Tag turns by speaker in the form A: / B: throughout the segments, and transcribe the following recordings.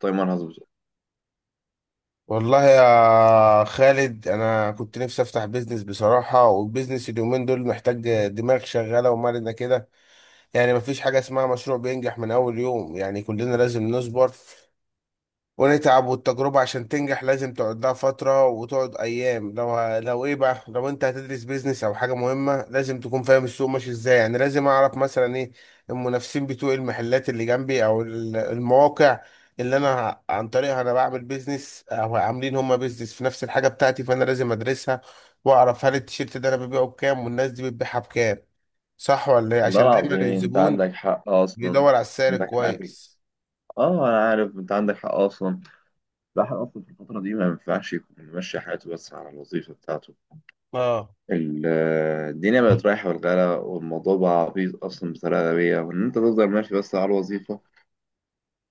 A: تايمر هظبط.
B: والله يا خالد، انا كنت نفسي افتح بيزنس بصراحه. والبيزنس اليومين دول محتاج دماغ شغاله ومرنه كده. يعني مفيش حاجه اسمها مشروع بينجح من اول يوم، يعني كلنا لازم نصبر ونتعب. والتجربة عشان تنجح لازم تقعد لها فترة وتقعد أيام. لو إيه بقى، لو أنت هتدرس بيزنس أو حاجة مهمة لازم تكون فاهم السوق ماشي إزاي. يعني لازم أعرف مثلا إيه المنافسين بتوع المحلات اللي جنبي أو المواقع اللي أنا عن طريقها أنا بعمل بيزنس، أو عاملين هما بيزنس في نفس الحاجة بتاعتي. فأنا لازم أدرسها وأعرف هل التيشيرت ده أنا ببيعه بكام، والناس دي بتبيعها بكام. صح ولا إيه؟
A: والله
B: عشان دايما
A: العظيم، انت
B: الزبون
A: عندك حق اصلا.
B: بيدور على السعر
A: عندك حق.
B: الكويس.
A: اه انا عارف، انت عندك حق اصلا. الواحد اصلا في الفتره دي ما ينفعش يكون ماشي حياته بس على الوظيفه بتاعته.
B: اه.
A: ال- الدنيا بقت رايحه بالغلا، والموضوع بقى عبيط اصلا بطريقه غبيه، وان انت تفضل ماشي بس على الوظيفه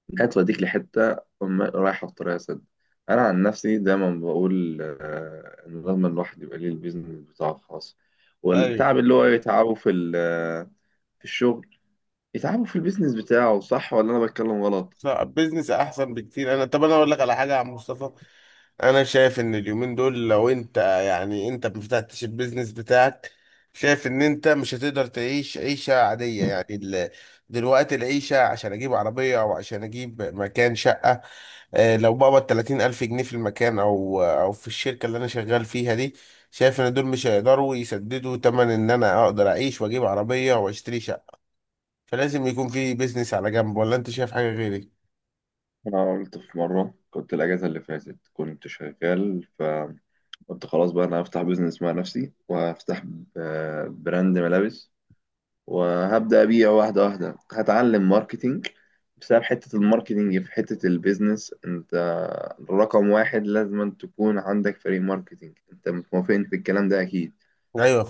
A: لا توديك لحته رايحه في طريقه سد. انا عن نفسي دايما بقول، ان لازم الواحد يبقى ليه البيزنس بتاعه الخاص،
B: ايوه.
A: والتعب اللي هو يتعبه في في الشغل يتعبوا في البيزنس بتاعه. صح ولا انا بتكلم غلط؟
B: فبزنس احسن بكتير. طب انا اقول لك على حاجه يا عم مصطفى. انا شايف ان اليومين دول، لو انت، يعني انت ما فتحتش البيزنس بتاعك، شايف ان انت مش هتقدر تعيش عيشه عاديه. يعني دلوقتي العيشه، عشان اجيب عربيه او عشان اجيب مكان شقه، لو بقبض 30 الف جنيه في المكان او في الشركه اللي انا شغال فيها دي، شايف ان دول مش هيقدروا يسددوا تمن ان انا اقدر اعيش واجيب عربيه واشتري شقه. فلازم يكون في بيزنس على جنب. ولا انت شايف حاجه غيري؟
A: انا قلت في مره، كنت الاجازه اللي فاتت كنت شغال، قلت خلاص بقى انا هفتح بيزنس مع نفسي، وهفتح براند ملابس، وهبدا ابيع واحده واحده. هتعلم ماركتينج بسبب حته الماركتينج في حته البيزنس. انت رقم واحد لازم تكون عندك فريق ماركتينج، انت موافقني في الكلام ده اكيد.
B: ايوه.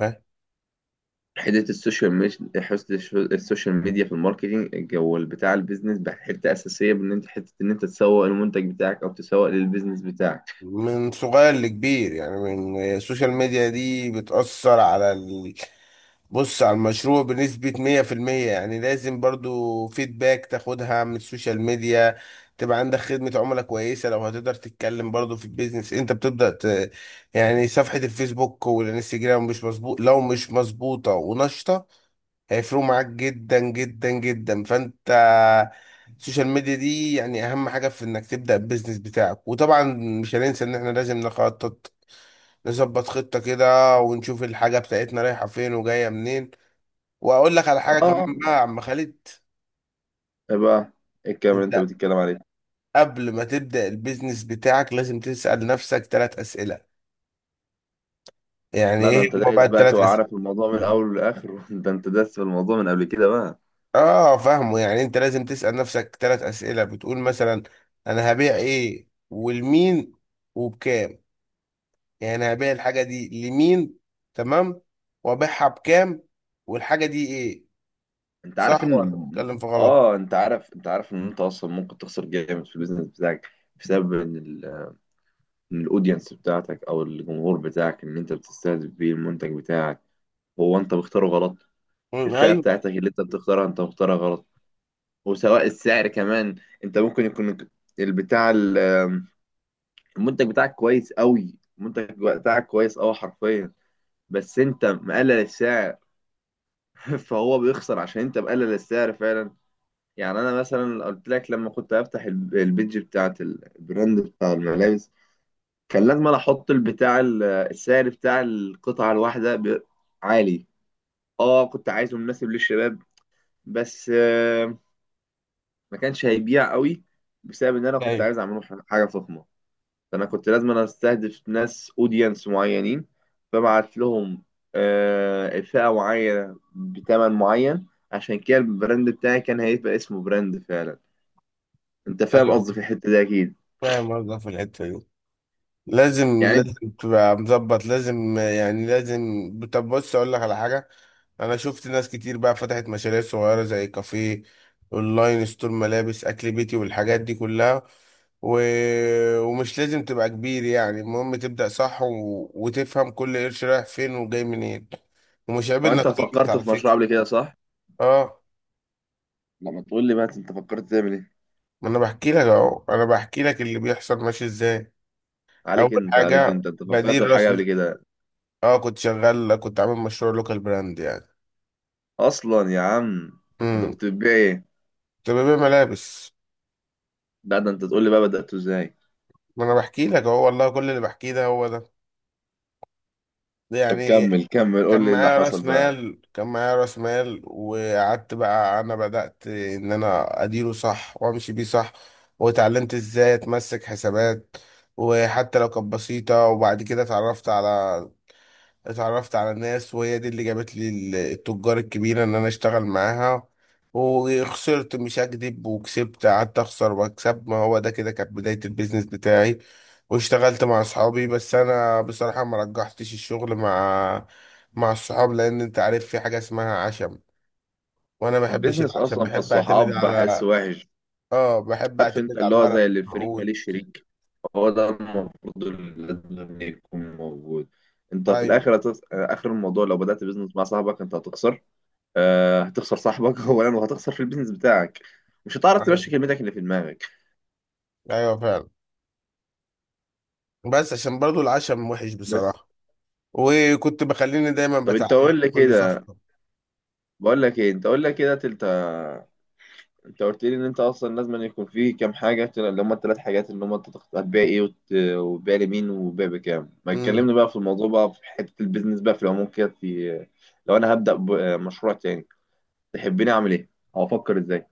A: حته السوشيال ميديا، حته السوشيال ميديا في الماركتينج جو بتاع البيزنس بقى حته اساسيه، بان انت حته ان انت تسوق المنتج بتاعك او تسوق للبيزنس بتاعك.
B: من صغير لكبير، يعني من السوشيال ميديا دي بتأثر على بص، على المشروع بنسبة 100%، يعني لازم برضو فيدباك تاخدها من السوشيال ميديا، تبقى عندك خدمة عملاء كويسة. لو هتقدر تتكلم برضو في البيزنس انت بتبدأ يعني صفحة الفيسبوك والانستجرام، مش مظبوط لو مش مظبوطة ونشطة هيفرقوا معاك جدا جدا جدا. فانت السوشيال ميديا دي يعني اهم حاجه في انك تبدا البيزنس بتاعك. وطبعا مش هننسى ان احنا لازم نخطط، نظبط خطه كده ونشوف الحاجه بتاعتنا رايحه فين وجايه منين. واقول لك على حاجه كمان
A: اه.
B: بقى يا عم خالد.
A: ايه بقى؟ ايه الكلام اللي انت
B: انت
A: بتتكلم عليه؟
B: قبل ما تبدا البيزنس بتاعك لازم تسال نفسك ثلاث اسئله. يعني
A: لا ده
B: ايه
A: انت
B: هما بقى
A: دايس بقى،
B: الثلاث
A: تبقى
B: اسئله؟
A: عارف الموضوع من الاول للاخر. ده انت دايس في الموضوع من قبل كده بقى.
B: اه، فاهمه. يعني انت لازم تسال نفسك ثلاث اسئله، بتقول مثلا انا هبيع ايه والمين وبكام. يعني انا هبيع الحاجه دي لمين؟ تمام. وابيعها بكام؟ والحاجه دي ايه؟
A: انت عارف
B: صح ولا
A: ان
B: بتكلم في غلط؟
A: اه انت عارف، انت عارف ان انت اصلا ممكن تخسر جامد في البيزنس بتاعك، بسبب ان الاودينس بتاعتك او الجمهور بتاعك ان انت بتستهدف بيه المنتج بتاعك، هو انت بختاره غلط.
B: مم،
A: الفئة
B: ايوه.
A: بتاعتك اللي انت بتختارها انت مختارها غلط. وسواء السعر كمان، انت ممكن يكون البتاع المنتج بتاعك كويس قوي. المنتج بتاعك كويس قوي حرفيا، بس انت مقلل السعر. فهو بيخسر عشان انت مقلل السعر فعلا. يعني انا مثلا قلت لك، لما كنت هفتح البيج بتاعت البراند بتاع الملابس، كان لازم انا احط السعر بتاع القطعة الواحدة عالي. اه كنت عايزه مناسب للشباب بس ما كانش هيبيع قوي، بسبب ان انا كنت
B: ايوه
A: عايز اعمله حاجه فخمه. فانا كنت لازم انا استهدف ناس اودينس معينين، فبعت لهم فئه معينه بثمن معين، عشان كده البراند بتاعي كان هيبقى اسمه براند فعلا. انت فاهم
B: ايوه.
A: قصدي في الحته دي اكيد.
B: فاهم قصدك في الحته دي. لازم
A: يعني انت.
B: لازم تبقى مظبط، لازم يعني لازم. طب بص، اقول لك على حاجه. انا شفت ناس كتير بقى فتحت مشاريع صغيره زي كافيه، اونلاين ستور، ملابس، اكل بيتي، والحاجات دي كلها. و... ومش لازم تبقى كبير، يعني المهم تبدا صح و... وتفهم كل قرش رايح فين وجاي منين. ومش عيب انك
A: وانت
B: تغلط
A: فكرت
B: على
A: في مشروع
B: فكره.
A: قبل كده، صح؟
B: اه.
A: لما تقول لي بقى انت فكرت تعمل ايه؟
B: ما انا بحكي لك اهو، انا بحكي لك اللي بيحصل ماشي ازاي.
A: عليك
B: اول
A: انت عليك
B: حاجه
A: انت انت فكرت في
B: بديل
A: حاجه
B: راس.
A: قبل كده
B: اه كنت عامل مشروع لوكال براند يعني.
A: اصلا يا عم؟ انت
B: امم
A: كنت بتبيع ايه؟
B: كنت ببيع ملابس.
A: لا ده انت تقول لي بقى بدأته ازاي.
B: ما انا بحكي لك اهو، والله كل اللي بحكيه ده هو ده.
A: طب
B: يعني
A: كمل كمل،
B: كان
A: قول لي اللي
B: معايا
A: حصل
B: راس
A: بقى.
B: مال، وقعدت بقى، انا بدأت ان انا اديره صح وامشي بيه صح. واتعلمت ازاي اتمسك حسابات، وحتى لو كانت بسيطة. وبعد كده اتعرفت على ناس، وهي دي اللي جابت لي التجار الكبيرة ان انا اشتغل معاها. وخسرت مش هكدب وكسبت، قعدت اخسر واكسب. ما هو ده كده كانت بداية البيزنس بتاعي. واشتغلت مع اصحابي، بس انا بصراحة ما رجحتش الشغل مع الصحاب، لان انت عارف في حاجة اسمها عشم. وانا ما بحبش
A: البيزنس
B: العشم،
A: اصلا في
B: بحب اعتمد
A: الصحاب بحس
B: على،
A: وحش.
B: اه بحب
A: عارف
B: اعتمد
A: انت،
B: على
A: اللي هو
B: الورق
A: زي اللي الفريق
B: موجود.
A: ماليش شريك، هو ده المفروض اللي لازم يكون موجود. انت في
B: ايوه.
A: الاخر اخر الموضوع لو بدأت بيزنس مع صاحبك انت هتخسر. آه، هتخسر صاحبك اولا، وهتخسر في البيزنس بتاعك. مش هتعرف تمشي
B: ايوه
A: كلمتك اللي في دماغك.
B: ايوه فعلا. بس عشان برضو العشم وحش
A: بس.
B: بصراحة. وكنت بخليني دايما
A: طب انت
B: بتعلم
A: قول لي
B: كل
A: كده.
B: صفحة.
A: بقول لك ايه، انت قول لي كده. انت قلت لي ان انت اصلا لازم أن يكون فيه كام حاجه، اللي هم ال3 حاجات، اللي هم هتبيع ايه وتبيع لمين وبيع بكام. ما
B: امم
A: تكلمني بقى في الموضوع بقى، في حته البيزنس بقى في العموم كده، لو انا هبدا بمشروع تاني، تحبني اعمل ايه او افكر ازاي؟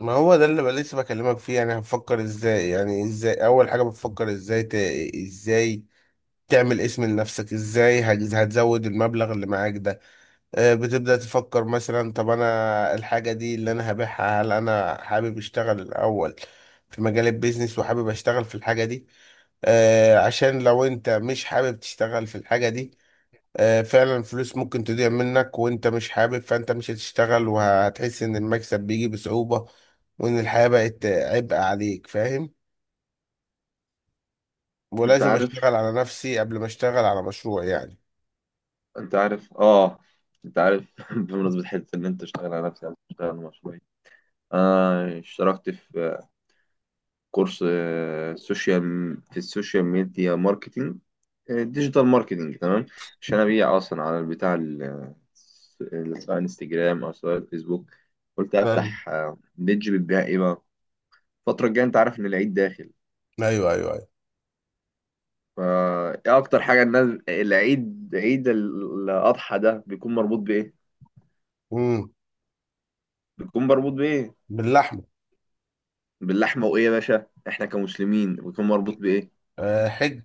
B: ما هو ده اللي بقى لسه بكلمك فيه. يعني هنفكر ازاي، يعني ازاي، اول حاجة بتفكر ازاي ازاي تعمل اسم لنفسك، ازاي هتزود المبلغ اللي معاك ده. بتبدأ تفكر مثلا، طب انا الحاجة دي اللي انا هبيعها، هل انا حابب اشتغل الاول في مجال البيزنس وحابب اشتغل في الحاجة دي؟ عشان لو انت مش حابب تشتغل في الحاجة دي، فعلا الفلوس ممكن تضيع منك، وانت مش حابب فانت مش هتشتغل وهتحس ان المكسب بيجي بصعوبة، وان الحياة بقت عبء عليك. فاهم؟
A: انت
B: ولازم
A: عارف
B: اشتغل على نفسي قبل ما اشتغل على مشروع يعني.
A: انت عارف اه انت عارف. بمناسبه حته ان انت تشتغل على نفسك تشتغل على مشروعي، انا اشتركت في كورس، آه، سوشيال في السوشيال ميديا ماركتينج، ديجيتال ماركتينج تمام، عشان ابيع اصلا على سواء انستجرام او سواء فيسبوك. قلت
B: فاهم.
A: افتح بيدج بتبيع ايه بقى. الفترة الجاية انت عارف ان العيد داخل،
B: ايوه. ايوه ايوه.
A: فا ايه اكتر حاجة الناس، العيد، عيد الاضحى ده بيكون مربوط بايه؟
B: امم
A: بيكون مربوط بايه؟
B: باللحمة.
A: باللحمة. وايه يا باشا، احنا كمسلمين بيكون مربوط بايه؟
B: أه، حج.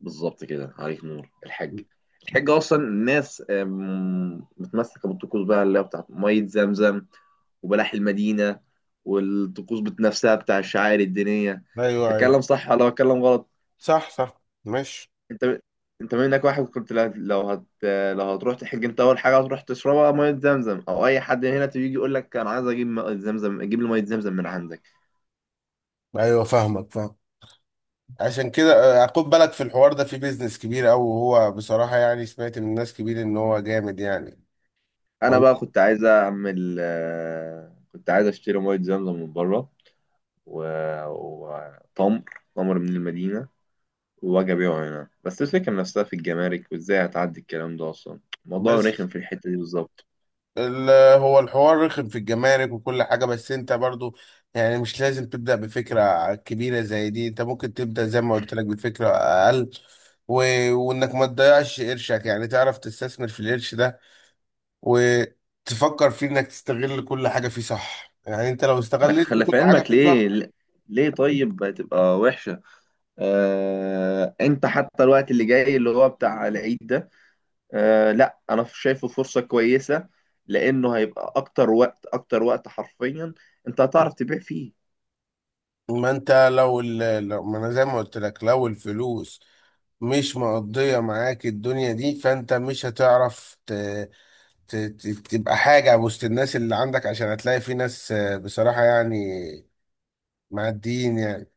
A: بالظبط كده، عليك نور الحاج. الحاج اصلا الناس متمسكه بالطقوس بقى اللي هي بتاعت ميه زمزم وبلح المدينه، والطقوس نفسها بتاع الشعائر الدينيه.
B: ايوه ايوه.
A: بتكلم صح ولا بتكلم غلط؟
B: صح صح. ماشي.
A: انت. انت منك واحد كنت، لو هتروح تحج، انت اول حاجه هتروح تشربها ميه زمزم. او اي حد هنا تيجي يقول لك انا عايز اجيب ميه زمزم، اجيب لي ميه زمزم من عندك.
B: ايوه فاهمك، فاهم. عشان كده خد بالك، في الحوار ده في بيزنس كبير قوي، وهو بصراحة يعني سمعت من ناس كبير ان هو جامد يعني.
A: انا
B: وانت
A: بقى كنت عايز اعمل، كنت عايز اشتري ميه زمزم من بره وتمر، تمر من المدينة، وأجي أبيعه هنا. بس الفكرة نفسها في الجمارك، وإزاي هتعدي الكلام ده أصلا؟ الموضوع رخم
B: بس،
A: في الحتة دي بالظبط.
B: ال- هو الحوار رخم في الجمارك وكل حاجة. بس انت برضو يعني مش لازم تبدأ بفكرة كبيرة زي دي. انت ممكن تبدأ زي ما قلت لك بفكرة أقل و... وانك ما تضيعش قرشك، يعني تعرف تستثمر في القرش ده وتفكر فيه انك تستغل كل حاجة فيه صح. يعني انت لو
A: أنا
B: استغلت
A: خلي
B: كل
A: في
B: حاجة
A: علمك
B: فيه صح.
A: ليه. ليه طيب تبقى وحشة؟ أنت حتى الوقت اللي جاي اللي هو بتاع العيد ده، لأ أنا شايفه فرصة كويسة، لأنه هيبقى أكتر وقت. أكتر وقت حرفيا أنت هتعرف تبيع فيه.
B: ما انت لو, ال... لو، ما انا زي ما قلت لك، لو الفلوس مش مقضية معاك الدنيا دي، فانت مش هتعرف ت- ت- تبقى حاجة وسط الناس اللي عندك، عشان هتلاقي في ناس بصراحة يعني معديين يعني.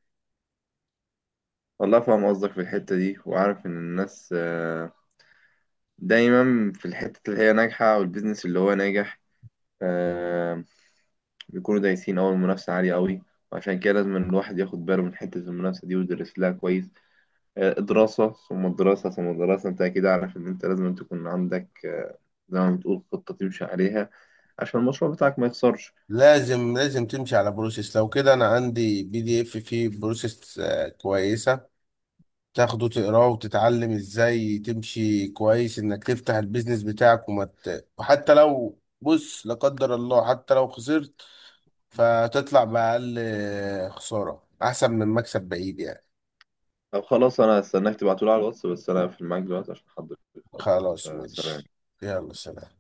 A: والله فاهم قصدك في الحتة دي، وعارف إن الناس دايما في الحتة اللي هي ناجحة أو البيزنس اللي هو ناجح، آه بيكونوا دايسين. أول المنافسة عالية أوي، وعشان كده لازم إن الواحد ياخد باله من حتة المنافسة دي ويدرس لها كويس. دراسة ثم الدراسة ثم الدراسة. أنت أكيد عارف إن أنت لازم تكون عندك، زي ما بتقول، خطة تمشي عليها، عشان المشروع بتاعك ما يخسرش.
B: لازم لازم تمشي على بروسيس. لو كده أنا عندي PDF فيه بروسيس كويسة، تاخده تقراه وتتعلم إزاي تمشي كويس إنك تفتح البيزنس بتاعك. وما وحتى لو، بص، لا قدر الله، حتى لو خسرت فتطلع بأقل خسارة، أحسن من مكسب بعيد يعني.
A: طب خلاص، أنا هستناك تبعتولي على الواتس، بس أنا هقفل معاك دلوقتي عشان حضرتك.
B: خلاص
A: فسلام.
B: ماشي. يلا سلام.